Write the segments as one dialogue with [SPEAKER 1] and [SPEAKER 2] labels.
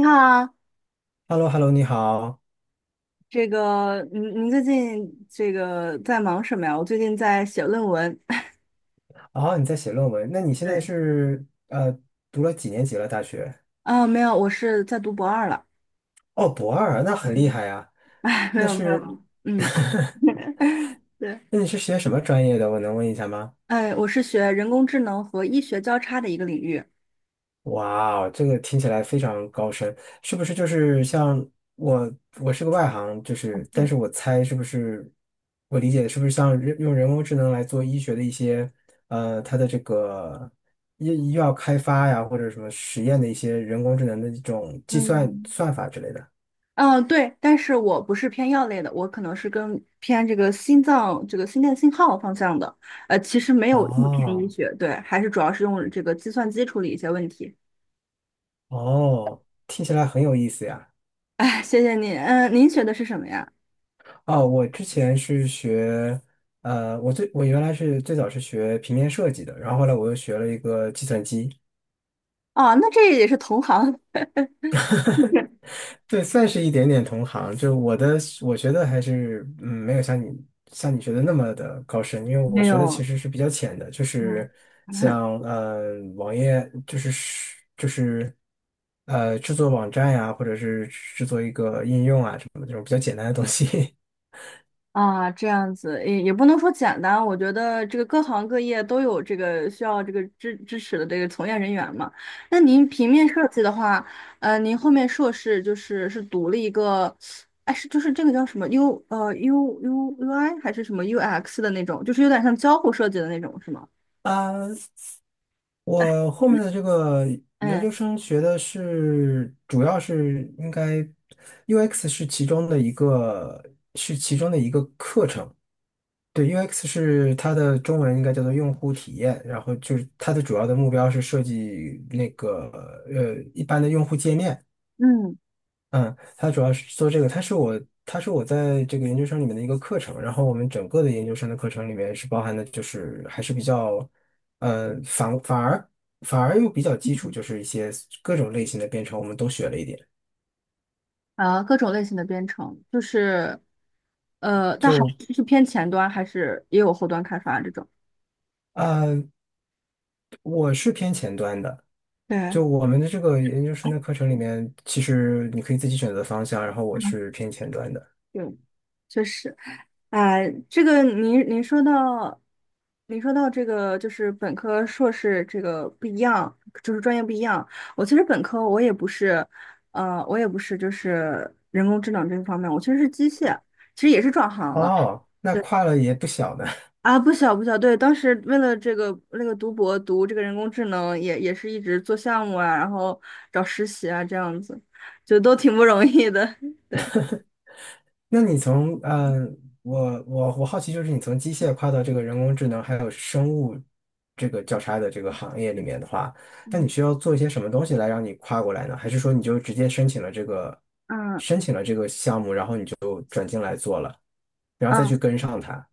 [SPEAKER 1] 你好啊，
[SPEAKER 2] h e l l o h e l l o 你好。
[SPEAKER 1] 这个您最近这个在忙什么呀？我最近在写论文。
[SPEAKER 2] 哦，你在写论文？那你现在
[SPEAKER 1] 对，
[SPEAKER 2] 是读了几年级了？大学？
[SPEAKER 1] 没有，我是在读博二了。
[SPEAKER 2] 哦，博二啊，那很厉害呀。
[SPEAKER 1] 没
[SPEAKER 2] 那
[SPEAKER 1] 有没
[SPEAKER 2] 是，
[SPEAKER 1] 有，嗯，对，
[SPEAKER 2] 那你是学什么专业的？我能问一下吗？
[SPEAKER 1] 哎，我是学人工智能和医学交叉的一个领域。
[SPEAKER 2] 哇哦，这个听起来非常高深，是不是就是像我，我是个外行，但是我猜是不是我理解的是不是像人用人工智能来做医学的一些，它的这个医药开发呀，或者什么实验的一些人工智能的一种计算
[SPEAKER 1] 嗯，
[SPEAKER 2] 算法之类的。
[SPEAKER 1] 嗯，对，但是我不是偏药类的，我可能是跟偏这个心脏这个心电信号方向的。其实没有那么偏医
[SPEAKER 2] 哦
[SPEAKER 1] 学，对，还是主要是用这个计算机处理一些问题。
[SPEAKER 2] 哦，听起来很有意思呀。
[SPEAKER 1] 哎，谢谢你。嗯，您学的是什么呀？
[SPEAKER 2] 哦，我之前是呃，我最我原来是最早是学平面设计的，然后后来我又学了一个计算机。
[SPEAKER 1] 哦，那这也是同行。
[SPEAKER 2] 对，算是一点点同行。就我学的还是没有像你像你学的那么的高深，因为我
[SPEAKER 1] 没
[SPEAKER 2] 学的
[SPEAKER 1] 有，
[SPEAKER 2] 其实是比较浅的，就
[SPEAKER 1] 嗯，
[SPEAKER 2] 是 像网页，就是制作网站呀、或者是制作一个应用啊什么的这种比较简单的东西
[SPEAKER 1] 啊，这样子也不能说简单，我觉得这个各行各业都有这个需要这个支持的这个从业人员嘛。那您平面设计的话，您后面硕士就是读了一个，哎，是就是这个叫什么 U U U U I 还是什么 U X 的那种，就是有点像交互设计的那种，是吗？
[SPEAKER 2] 啊。我后面的这个研
[SPEAKER 1] 嗯
[SPEAKER 2] 究生学的是，主要是应该 UX 是其中的是其中的一个课程。对，UX 是它的中文应该叫做用户体验，然后就是它的主要的目标是设计那个一般的用户界面，
[SPEAKER 1] 嗯，
[SPEAKER 2] 嗯，它主要是做这个，它是我在这个研究生里面的一个课程，然后我们整个的研究生的课程里面是包含的，就是还是比较呃反反而反而又比较基础，就是一些各种类型的编程我们都学了一点，
[SPEAKER 1] 啊，各种类型的编程，就是但还是偏前端还是也有后端开发这种。
[SPEAKER 2] 呃，我是偏前端的。
[SPEAKER 1] 对。
[SPEAKER 2] 就我们的这个研究生的课程里面，其实你可以自己选择方向，然后我是偏前端的。
[SPEAKER 1] 嗯，确实，哎，这个您说到，您说到这个就是本科、硕士这个不一样，就是专业不一样。我其实本科我也不是，我也不是就是人工智能这方面，我其实是机械，其实也是转行了。
[SPEAKER 2] 哦，那
[SPEAKER 1] 对，
[SPEAKER 2] 跨了也不小呢。
[SPEAKER 1] 啊，不小不小，对，当时为了这个那个读博读这个人工智能也，也是一直做项目啊，然后找实习啊，这样子，就都挺不容易的。对，
[SPEAKER 2] 那你从嗯、呃我我我好奇，就是你从机械跨到这个人工智能还有生物这个交叉的这个行业里面的话，那
[SPEAKER 1] 嗯
[SPEAKER 2] 你需要做一些什么东西来让你跨过来呢？还是说你就直接申请了
[SPEAKER 1] 嗯。
[SPEAKER 2] 申请了这个项目，然后你就转进来做了，然后再
[SPEAKER 1] 嗯
[SPEAKER 2] 去跟上它？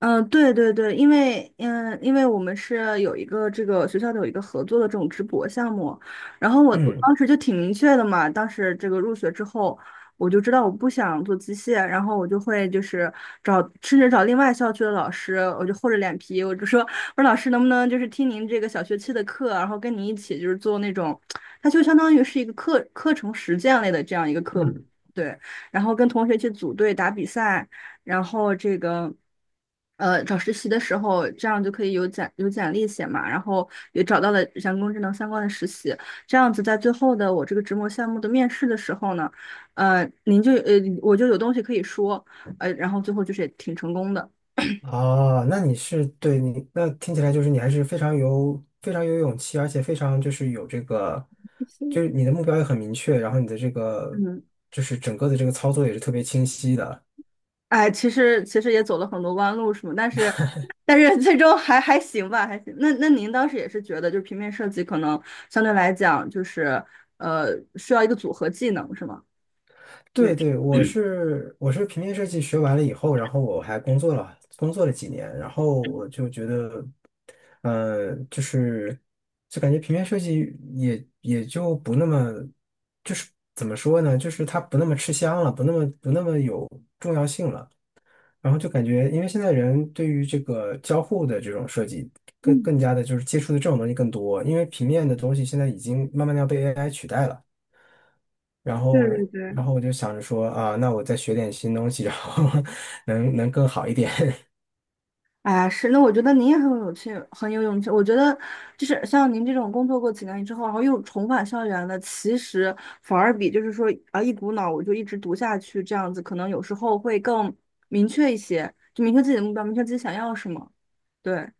[SPEAKER 1] 嗯，对对对，因为嗯，因为我们是有一个这个学校的有一个合作的这种直播项目，然后我
[SPEAKER 2] 嗯
[SPEAKER 1] 当时就挺明确的嘛，当时这个入学之后，我就知道我不想做机械，然后我就会就是找甚至找另外校区的老师，我就厚着脸皮，我就说我说老师能不能就是听您这个小学期的课，然后跟您一起就是做那种，它就相当于是一个课程实践类的这样一个科目，
[SPEAKER 2] 嗯
[SPEAKER 1] 对，然后跟同学去组队打比赛。然后这个找实习的时候，这样就可以有简历写嘛，然后也找到了人工智能相关的实习，这样子在最后的我这个职模项目的面试的时候呢，呃，您就呃我就有东西可以说，然后最后就是也挺成功的
[SPEAKER 2] 哦，那你是对你那听起来就是你还是非常有非常有勇气，而且非常就是有这个，
[SPEAKER 1] 嗯
[SPEAKER 2] 就是你的目标也很明确，然后你的这个
[SPEAKER 1] 嗯，
[SPEAKER 2] 就是整个的这个操作也是特别清晰的。
[SPEAKER 1] 哎，其实也走了很多弯路，什么，但是但是最终还行吧，还行。那那您当时也是觉得，就是平面设计可能相对来讲，就是呃需要一个组合技能，是吗？
[SPEAKER 2] 对
[SPEAKER 1] 对
[SPEAKER 2] 对，我是平面设计学完了以后，然后我还工作了几年，然后我就觉得，呃，就是就感觉平面设计也就不那么，就是怎么说呢，就是它不那么吃香了，不那么有重要性了。然后就感觉，因为现在人对于这个交互的这种设计更
[SPEAKER 1] 嗯，
[SPEAKER 2] 更加的就是接触的这种东西更多，因为平面的东西现在已经慢慢的要被 AI 取代了。
[SPEAKER 1] 对对
[SPEAKER 2] 然
[SPEAKER 1] 对，
[SPEAKER 2] 后我就想着说啊，那我再学点新东西，然后 能更好一点。
[SPEAKER 1] 哎，呀，是，那我觉得您也很有勇气，很有勇气。我觉得就是像您这种工作过几年之后，然后又重返校园的，其实反而比就是说啊一股脑我就一直读下去这样子，可能有时候会更明确一些，就明确自己的目标，明确自己想要什么，对，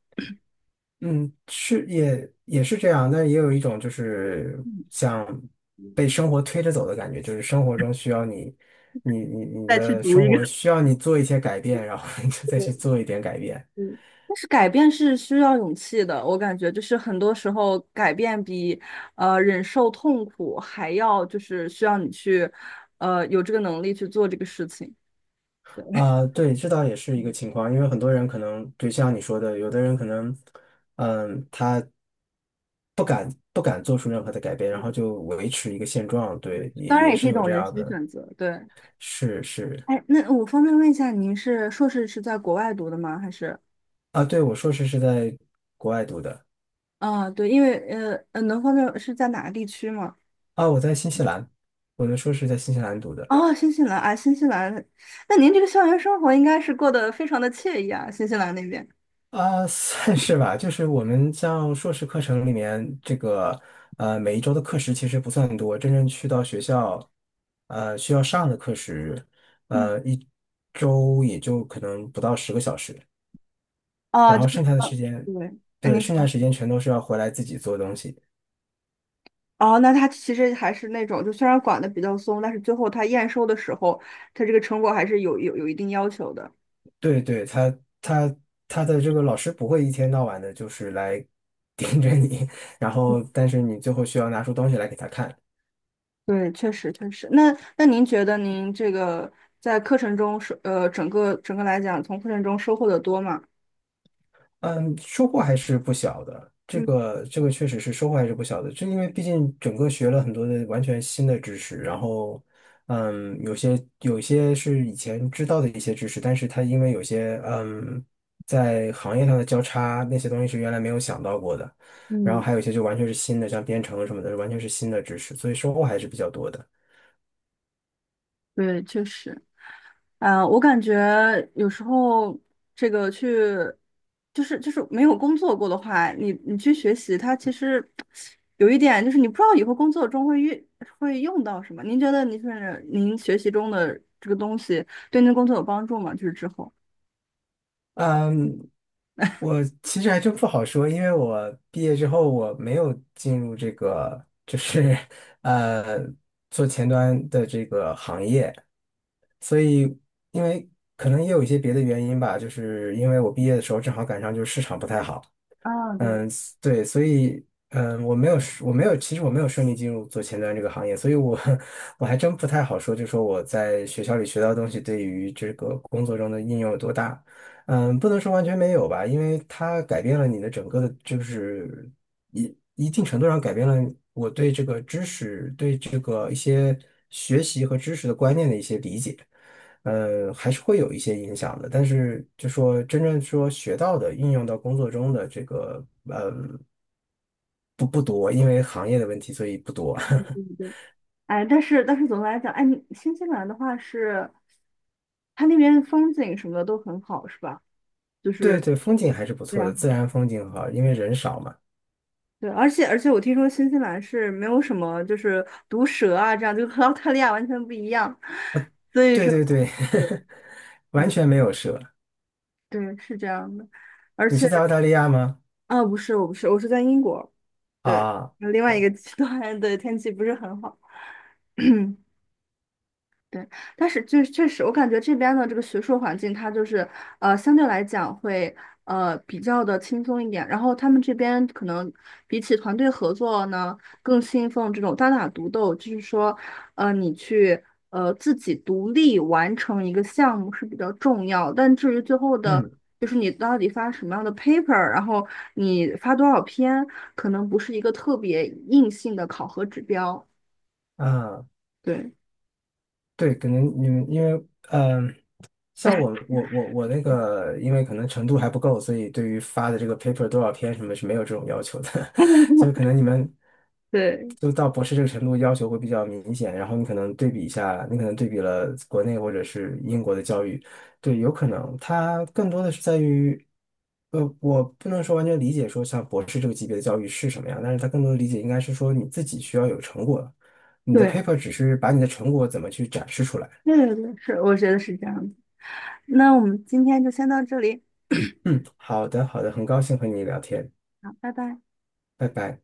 [SPEAKER 2] 嗯，是也是这样，但也有一种就是像被生活推着走的感觉，就是生活中需要你，你你你
[SPEAKER 1] 再去
[SPEAKER 2] 的
[SPEAKER 1] 读
[SPEAKER 2] 生
[SPEAKER 1] 一
[SPEAKER 2] 活
[SPEAKER 1] 个。
[SPEAKER 2] 需要你做一些改变，然后 你就再去 做一点改变。
[SPEAKER 1] 嗯，但是改变是需要勇气的，我感觉就是很多时候改变比忍受痛苦还要就是需要你去有这个能力去做这个事情。对，
[SPEAKER 2] 啊，对，这倒也是一个
[SPEAKER 1] 嗯
[SPEAKER 2] 情况，因为很多人可能，就像你说的，有的人可能他不敢做出任何的改变，然后就维持一个现状，
[SPEAKER 1] 对
[SPEAKER 2] 对，也
[SPEAKER 1] 当然
[SPEAKER 2] 也
[SPEAKER 1] 也是
[SPEAKER 2] 是
[SPEAKER 1] 一
[SPEAKER 2] 有
[SPEAKER 1] 种
[SPEAKER 2] 这
[SPEAKER 1] 人
[SPEAKER 2] 样
[SPEAKER 1] 生
[SPEAKER 2] 的。
[SPEAKER 1] 选择。对，
[SPEAKER 2] 是是
[SPEAKER 1] 哎，那我方便问一下，您是硕士是在国外读的吗？还是
[SPEAKER 2] 啊，对，我硕士是在国外读的
[SPEAKER 1] 啊，对，因为能方便是在哪个地区吗？
[SPEAKER 2] 啊，我在新西兰，我的硕士在新西兰读的
[SPEAKER 1] 哦，新西兰啊，新西兰，那您这个校园生活应该是过得非常的惬意啊，新西兰那边。
[SPEAKER 2] 啊，算是吧。就是我们像硕士课程里面这个每一周的课时其实不算多，真正去到学校需要上的课时，
[SPEAKER 1] 嗯。
[SPEAKER 2] 一周也就可能不到十个小时，
[SPEAKER 1] 啊，
[SPEAKER 2] 然
[SPEAKER 1] 就
[SPEAKER 2] 后
[SPEAKER 1] 是
[SPEAKER 2] 剩下的时间，
[SPEAKER 1] 对，嗯，
[SPEAKER 2] 对，
[SPEAKER 1] 您
[SPEAKER 2] 剩下
[SPEAKER 1] 说
[SPEAKER 2] 的时间全都是要回来自己做东西。
[SPEAKER 1] 哦，那它其实还是那种，就虽然管的比较松，但是最后它验收的时候，它这个成果还是有一定要求的。
[SPEAKER 2] 对对，他他的这个老师不会一天到晚的，就是来 盯着你，然后但是你最后需要拿出东西来给他看。
[SPEAKER 1] 对，确实确实。那那您觉得您这个在课程中整个来讲，从课程中收获的多吗？
[SPEAKER 2] 嗯，收获还是不小的。这
[SPEAKER 1] 嗯
[SPEAKER 2] 个这个确实是收获还是不小的，这因为毕竟整个学了很多的完全新的知识，然后嗯，有些是以前知道的一些知识，但是它因为有些在行业上的交叉，那些东西是原来没有想到过的，然后
[SPEAKER 1] 嗯。
[SPEAKER 2] 还有一些就完全是新的，像编程什么的，完全是新的知识，所以收获还是比较多的。
[SPEAKER 1] 对，确实。啊，我感觉有时候这个去，就是没有工作过的话，你去学习，它其实有一点就是你不知道以后工作中会用到什么。您觉得您是您学习中的这个东西对您的工作有帮助吗？就是之后。
[SPEAKER 2] 嗯，我其实还真不好说，因为我毕业之后我没有进入这个，就是 呃做前端的这个行业，所以因为可能也有一些别的原因吧，就是因为我毕业的时候正好赶上就是市场不太好，
[SPEAKER 1] 啊，对。
[SPEAKER 2] 嗯，对，所以嗯，我没有顺我没有，其实我没有顺利进入做前端这个行业，所以我 我还真不太好说，就说我在学校里学到的东西对于这个工作中的应用有多大。嗯，不能说完全没有吧，因为它改变了你的整个的，就是一定程度上改变了我对这个知识、对这个一些学习和知识的观念的一些理解。呃，还是会有一些影响的。但是就说真正说学到的、应用到工作中的这个不多，因为行业的问题，所以不多。
[SPEAKER 1] 哎，但是但是总的来讲，哎，你新西兰的话是，它那边风景什么的都很好，是吧？就
[SPEAKER 2] 对
[SPEAKER 1] 是。
[SPEAKER 2] 对，风景还是不
[SPEAKER 1] 这
[SPEAKER 2] 错的，
[SPEAKER 1] 样。
[SPEAKER 2] 自然风景好，因为人少嘛。
[SPEAKER 1] 对，而且我听说新西兰是没有什么就是毒蛇啊，这样就和 澳大利亚完全不一样，所以
[SPEAKER 2] 对
[SPEAKER 1] 说，
[SPEAKER 2] 对对，完
[SPEAKER 1] 嗯，
[SPEAKER 2] 全没有蛇。
[SPEAKER 1] 对，是这样的。而
[SPEAKER 2] 你
[SPEAKER 1] 且
[SPEAKER 2] 是在澳大利亚吗？
[SPEAKER 1] 啊，不是，我不是，我是在英国，对，
[SPEAKER 2] 啊，
[SPEAKER 1] 另外一
[SPEAKER 2] 对，
[SPEAKER 1] 个极端的天气不是很好。对，但是就确实，我感觉这边的这个学术环境，它就是相对来讲会比较的轻松一点。然后他们这边可能比起团队合作呢，更信奉这种单打独斗，就是说，你去自己独立完成一个项目是比较重要。但至于最后的，
[SPEAKER 2] 嗯
[SPEAKER 1] 就是你到底发什么样的 paper，然后你发多少篇，可能不是一个特别硬性的考核指标。
[SPEAKER 2] 啊。
[SPEAKER 1] 对，
[SPEAKER 2] 对，可能你们因为嗯、呃像我那个，因为可能程度还不够，所以对于发的这个 paper 多少篇什么是没有这种要求的，就可能 你们
[SPEAKER 1] 对
[SPEAKER 2] 就到博士这个程度要求会比较明显，然后你可能对比一下，你可能对比了国内或者是英国的教育，对，有可能它更多的是在于，呃，我不能说完全理解说像博士这个级别的教育是什么样，但是它更多的理解应该是说你自己需要有成果，你的
[SPEAKER 1] 对。
[SPEAKER 2] paper 只是把你的成果怎么去展示出来。
[SPEAKER 1] 对对对，是，我觉得是这样的。那我们今天就先到这里，
[SPEAKER 2] 嗯，好的，好的，很高兴和你聊天，
[SPEAKER 1] 好，拜拜。
[SPEAKER 2] 拜拜。